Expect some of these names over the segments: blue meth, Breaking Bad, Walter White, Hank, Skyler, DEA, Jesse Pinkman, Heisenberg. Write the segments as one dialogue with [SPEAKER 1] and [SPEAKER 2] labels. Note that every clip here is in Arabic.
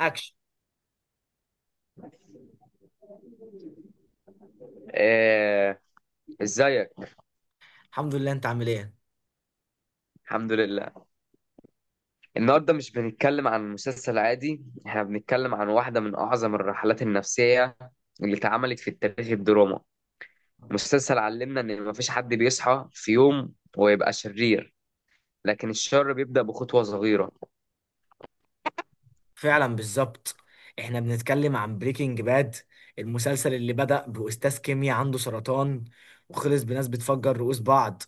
[SPEAKER 1] اكشن.
[SPEAKER 2] آه، ازيك.
[SPEAKER 1] الحمد لله، انت عامل ايه؟
[SPEAKER 2] الحمد لله. النهارده مش بنتكلم عن مسلسل عادي، احنا بنتكلم عن واحده من اعظم الرحلات النفسيه اللي اتعملت في التاريخ الدراما. مسلسل علمنا ان مفيش حد بيصحى في يوم ويبقى شرير، لكن الشر بيبدأ بخطوه صغيره.
[SPEAKER 1] فعلا بالظبط، احنا بنتكلم عن بريكنج باد، المسلسل اللي بدأ بأستاذ كيمياء عنده سرطان وخلص بناس بتفجر رؤوس بعض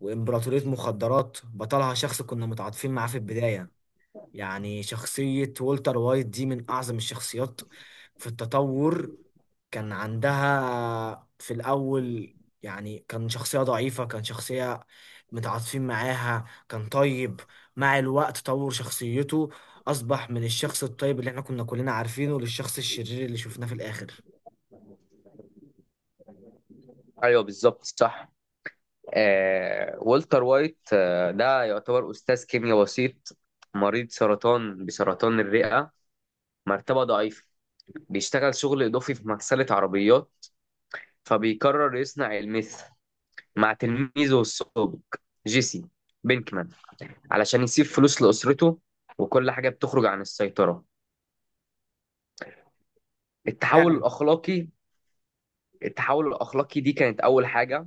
[SPEAKER 1] وإمبراطورية مخدرات بطلها شخص كنا متعاطفين معاه في البداية. يعني شخصية والتر وايت دي من أعظم الشخصيات في التطور. كان عندها في الأول، يعني كان شخصية ضعيفة، كان شخصية متعاطفين معاها، كان طيب. مع الوقت طور شخصيته، أصبح من الشخص الطيب اللي احنا كنا كلنا عارفينه للشخص الشرير اللي شفناه في الآخر.
[SPEAKER 2] ايوه بالظبط صح. والتر وايت ده يعتبر استاذ كيمياء بسيط، مريض سرطان بسرطان الرئه، مرتبه ضعيفه، بيشتغل شغل اضافي في مغسله عربيات، فبيقرر يصنع الميث مع تلميذه السابق جيسي بينكمان علشان يسيب فلوس لأسرته، وكل حاجة بتخرج عن السيطرة. التحول الأخلاقي، التحول الأخلاقي دي كانت أول حاجة.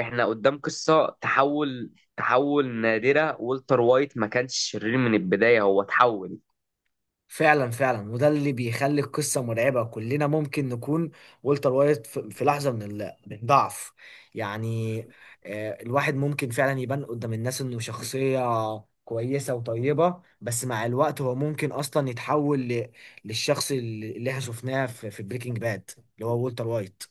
[SPEAKER 2] إحنا قدام قصة تحول، تحول نادرة. والتر وايت ما كانش شرير من البداية، هو تحول.
[SPEAKER 1] فعلا فعلا، وده اللي بيخلي القصه مرعبه. كلنا ممكن نكون والتر وايت في لحظه من من الضعف. يعني الواحد ممكن فعلا يبان قدام الناس انه شخصيه كويسه وطيبه، بس مع الوقت هو ممكن اصلا يتحول للشخص اللي احنا شفناه في بريكنج باد، اللي هو والتر وايت.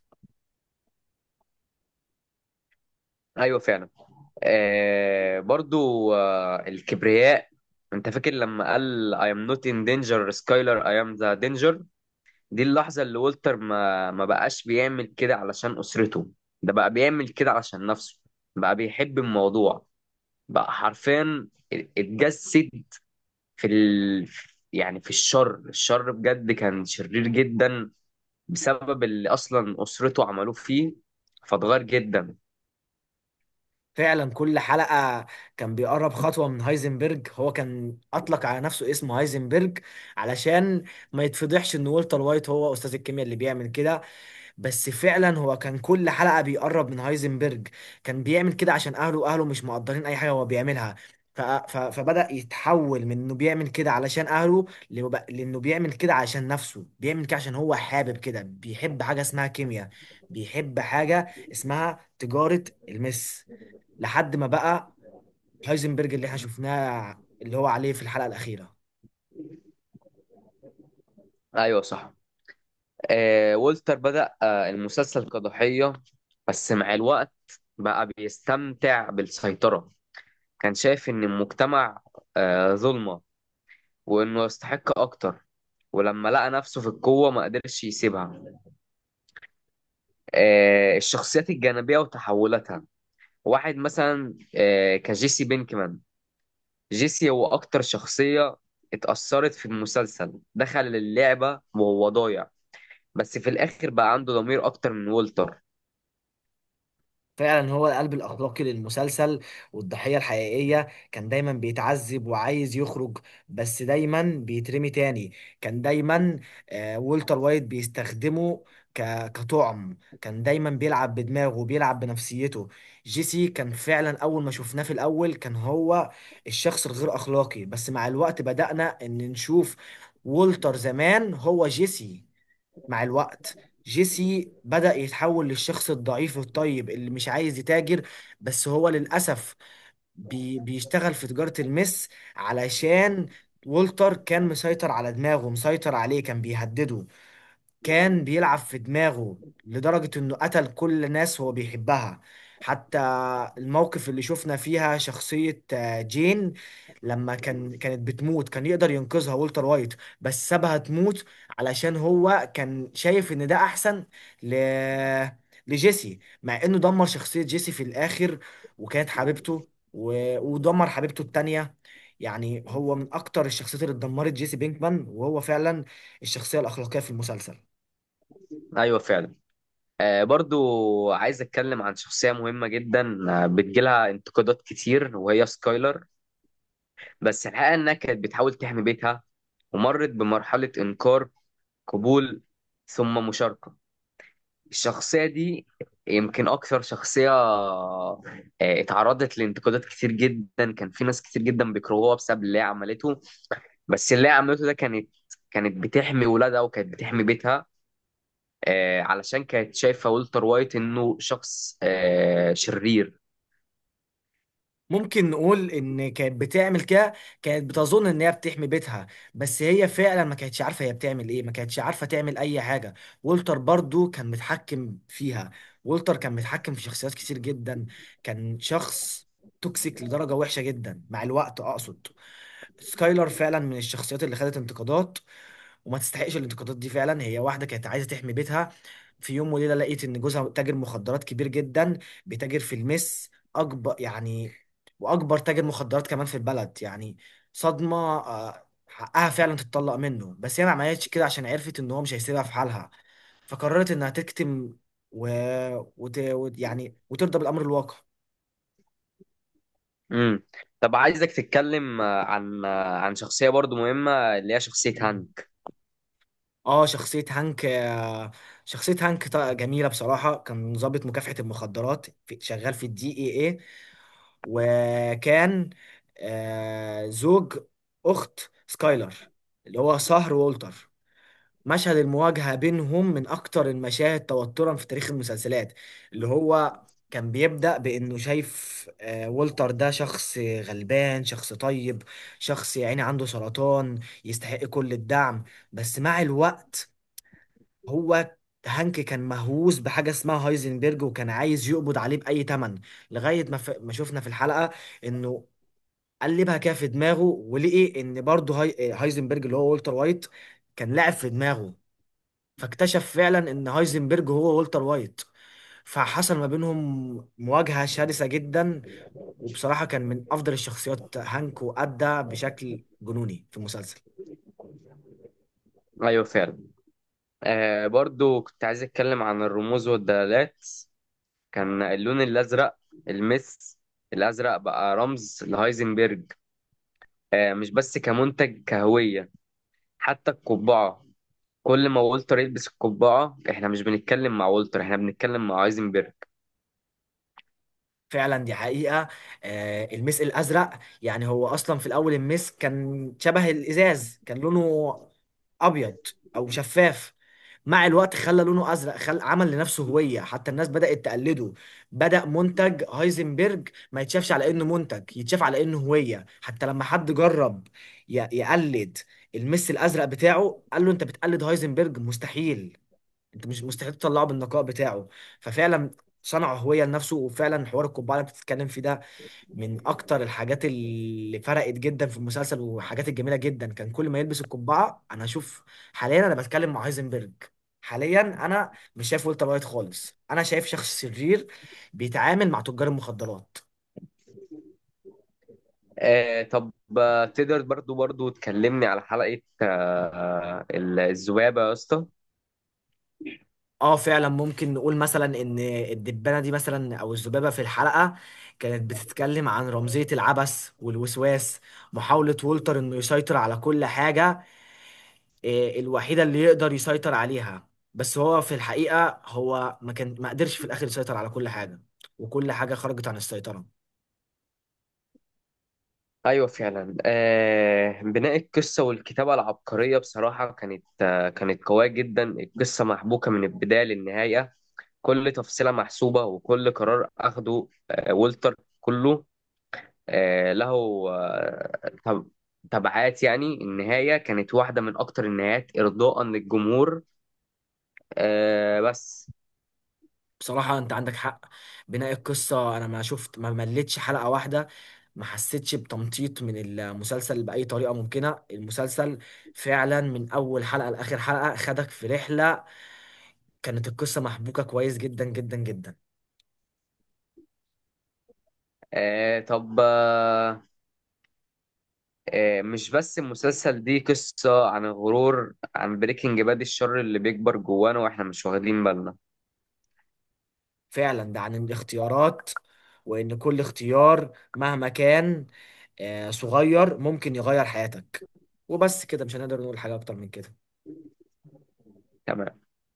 [SPEAKER 2] أيوة فعلا. آه برضو آه الكبرياء. أنت فاكر لما قال I am not in danger Skyler I am the danger؟ دي اللحظة اللي والتر ما بقاش بيعمل كده علشان أسرته، ده بقى بيعمل كده علشان نفسه، بقى بيحب الموضوع، بقى حرفيا اتجسد في ال... يعني في الشر. الشر بجد كان شرير جدا بسبب اللي أصلا أسرته عملوه فيه، فاتغير جدا.
[SPEAKER 1] فعلا كل حلقة كان بيقرب خطوة من هايزنبرج. هو كان أطلق على نفسه اسم هايزنبرج علشان ما يتفضحش إن والتر وايت هو أستاذ الكيمياء اللي بيعمل كده. بس فعلا هو كان كل حلقة بيقرب من هايزنبرج. كان بيعمل كده عشان أهله. أهله مش مقدرين أي حاجة هو بيعملها. فبدأ يتحول من إنه بيعمل كده علشان أهله لإنه بيعمل كده عشان نفسه، بيعمل كده عشان هو حابب كده، بيحب حاجة اسمها كيمياء، بيحب حاجة اسمها تجارة المس، لحد ما بقى هايزنبرج اللي احنا شفناه اللي هو عليه في الحلقة الأخيرة.
[SPEAKER 2] أيوه صح. آه والتر بدأ آه المسلسل كضحية، بس مع الوقت بقى بيستمتع بالسيطرة، كان شايف إن المجتمع آه ظلمة وانه يستحق اكتر، ولما لقى نفسه في القوة ما قدرش يسيبها. آه الشخصيات الجانبية وتحولاتها. واحد مثلا آه كجيسي بينكمان. جيسي هو اكتر شخصية اتأثرت في المسلسل، دخل اللعبة وهو ضايع، بس في الاخر بقى عنده ضمير اكتر من والتر.
[SPEAKER 1] فعلا هو القلب الأخلاقي للمسلسل والضحية الحقيقية. كان دايما بيتعذب وعايز يخرج، بس دايما بيترمي تاني. كان دايما، والتر وايت بيستخدمه كطعم. كان دايما بيلعب بدماغه وبيلعب بنفسيته. جيسي كان فعلا أول ما شفناه في الأول كان هو الشخص الغير أخلاقي، بس مع الوقت بدأنا إن نشوف والتر زمان هو جيسي. مع الوقت جيسي بدأ يتحول للشخص الضعيف الطيب اللي مش عايز يتاجر، بس هو للأسف بيشتغل في تجارة المس علشان والتر كان مسيطر على دماغه، مسيطر عليه، كان بيهدده، كان بيلعب في دماغه لدرجة انه قتل كل الناس هو بيحبها. حتى الموقف اللي شفنا فيها شخصية جين، لما كانت بتموت كان يقدر ينقذها والتر وايت، بس سابها تموت علشان هو كان شايف ان ده احسن ل... لجيسي، مع انه دمر شخصية جيسي في الاخر وكانت حبيبته ودمر حبيبته التانية. يعني هو من اكتر الشخصيات اللي اتدمرت جيسي بينكمان، وهو فعلا الشخصية الأخلاقية في المسلسل.
[SPEAKER 2] ايوه فعلا. آه برضو عايز اتكلم عن شخصية مهمة جدا، بتجيلها انتقادات كتير وهي سكايلر. بس الحقيقة انها كانت بتحاول تحمي بيتها، ومرت بمرحلة إنكار، قبول، ثم مشاركة. الشخصية دي يمكن أكثر شخصية اتعرضت لانتقادات كتير جدا، كان في ناس كتير جدا بيكرهوها بسبب اللي هي عملته، بس اللي هي عملته ده كانت بتحمي ولادها وكانت بتحمي بيتها، علشان كانت شايفة ولتر وايت إنه شخص شرير.
[SPEAKER 1] ممكن نقول ان كانت بتعمل كده، كانت بتظن ان هي بتحمي بيتها، بس هي فعلا ما كانتش عارفه هي بتعمل ايه، ما كانتش عارفه تعمل اي حاجه. وولتر برضو كان متحكم فيها، وولتر كان متحكم في شخصيات كتير جدا. كان شخص توكسيك لدرجه وحشه جدا مع الوقت، اقصد سكايلر فعلا من الشخصيات اللي خدت انتقادات وما تستحقش الانتقادات دي فعلا. هي واحده كانت عايزه تحمي بيتها، في يوم وليله لقيت ان جوزها تاجر مخدرات كبير جدا، بيتاجر في المس اكبر يعني، واكبر تاجر مخدرات كمان في البلد يعني. صدمه، حقها فعلا تتطلق منه، بس هي ما عملتش كده عشان عرفت ان هو مش هيسيبها في حالها، فقررت انها تكتم و... يعني وترضى بالامر الواقع.
[SPEAKER 2] مم. طب عايزك تتكلم عن شخصية برضو مهمة، اللي هي شخصية هانك.
[SPEAKER 1] اه شخصية هانك. شخصية هانك جميلة بصراحة. كان ضابط مكافحة المخدرات شغال في الـ DEA، وكان زوج أخت سكايلر اللي هو سهر وولتر. مشهد المواجهة بينهم من أكتر المشاهد توترا في تاريخ المسلسلات. اللي هو كان بيبدأ بإنه شايف وولتر ده شخص غلبان، شخص طيب، شخص يعني عنده سرطان يستحق كل الدعم. بس مع الوقت هو هانك كان مهووس بحاجة اسمها هايزنبرج، وكان عايز يقبض عليه بأي تمن لغاية ما ما شفنا في الحلقة إنه قلبها كده في دماغه، ولقي إن برضه هايزنبرج اللي هو والتر وايت كان لاعب في دماغه، فاكتشف فعلا إن هايزنبرج هو والتر وايت. فحصل ما بينهم مواجهة شرسة جدا. وبصراحة كان من أفضل الشخصيات هانك، وأدى بشكل جنوني في المسلسل.
[SPEAKER 2] أيوة فعلا. آه برضو كنت عايز أتكلم عن الرموز والدلالات. كان اللون الازرق، المس الازرق بقى رمز لهايزنبرج. آه مش بس كمنتج، كهويه. حتى القبعه، كل ما والتر يلبس القبعه احنا مش بنتكلم مع والتر، احنا بنتكلم مع هايزنبرج.
[SPEAKER 1] فعلا دي حقيقة. المس الأزرق، يعني هو أصلا في الأول المس كان شبه الإزاز، كان لونه أبيض أو شفاف. مع الوقت خلى لونه أزرق، عمل لنفسه هوية، حتى الناس بدأت تقلده. بدأ منتج هايزنبرج ما يتشافش على إنه منتج، يتشاف على إنه هوية. حتى لما حد جرب يقلد المس الأزرق بتاعه، قال له أنت بتقلد هايزنبرج، مستحيل انت، مش مستحيل تطلعه بالنقاء بتاعه. ففعلا صنع هوية لنفسه. وفعلا حوار القبعة اللي بتتكلم فيه ده من أكتر الحاجات اللي فرقت جدا في المسلسل، وحاجات الجميلة جدا. كان كل ما يلبس القبعة أنا أشوف حاليا أنا بتكلم مع هايزنبرج، حاليا أنا مش شايف والتر وايت خالص، أنا شايف شخص شرير بيتعامل مع تجار المخدرات.
[SPEAKER 2] آه طب، تقدر برضو تكلمني على حلقه الذبابه يا اسطى؟
[SPEAKER 1] اه فعلا، ممكن نقول مثلا ان الدبانه دي مثلا او الذبابه في الحلقه كانت بتتكلم عن رمزيه العبث والوسواس. محاوله وولتر انه يسيطر على كل حاجه، الوحيده اللي يقدر يسيطر عليها. بس هو في الحقيقه هو ما قدرش في الاخر يسيطر على كل حاجه، وكل حاجه خرجت عن السيطره.
[SPEAKER 2] ايوه فعلا. آه بناء القصه والكتابه العبقريه بصراحه كانت آه كانت قويه جدا، القصه محبوكه من البدايه للنهايه. كل تفصيلة محسوبة، وكل قرار أخده والتر كله له آه، تب- تبعات. يعني النهاية كانت واحدة من أكتر النهايات إرضاء للجمهور، آه، بس
[SPEAKER 1] بصراحة انت عندك حق. بناء القصة، انا ما مليتش حلقة واحدة، ما حسيتش بتمطيط من المسلسل بأي طريقة ممكنة. المسلسل فعلا من اول حلقة لآخر حلقة خدك في رحلة. كانت القصة محبوكة كويس جدا جدا جدا.
[SPEAKER 2] آه، طب آه، آه، مش بس المسلسل دي قصة عن الغرور. عن بريكنج باد، الشر اللي بيكبر جوانا وإحنا مش واخدين بالنا.
[SPEAKER 1] فعلا ده عن الاختيارات، وان كل اختيار مهما كان صغير ممكن يغير حياتك. وبس كده، مش هنقدر نقول حاجة اكتر من كده.
[SPEAKER 2] تمام.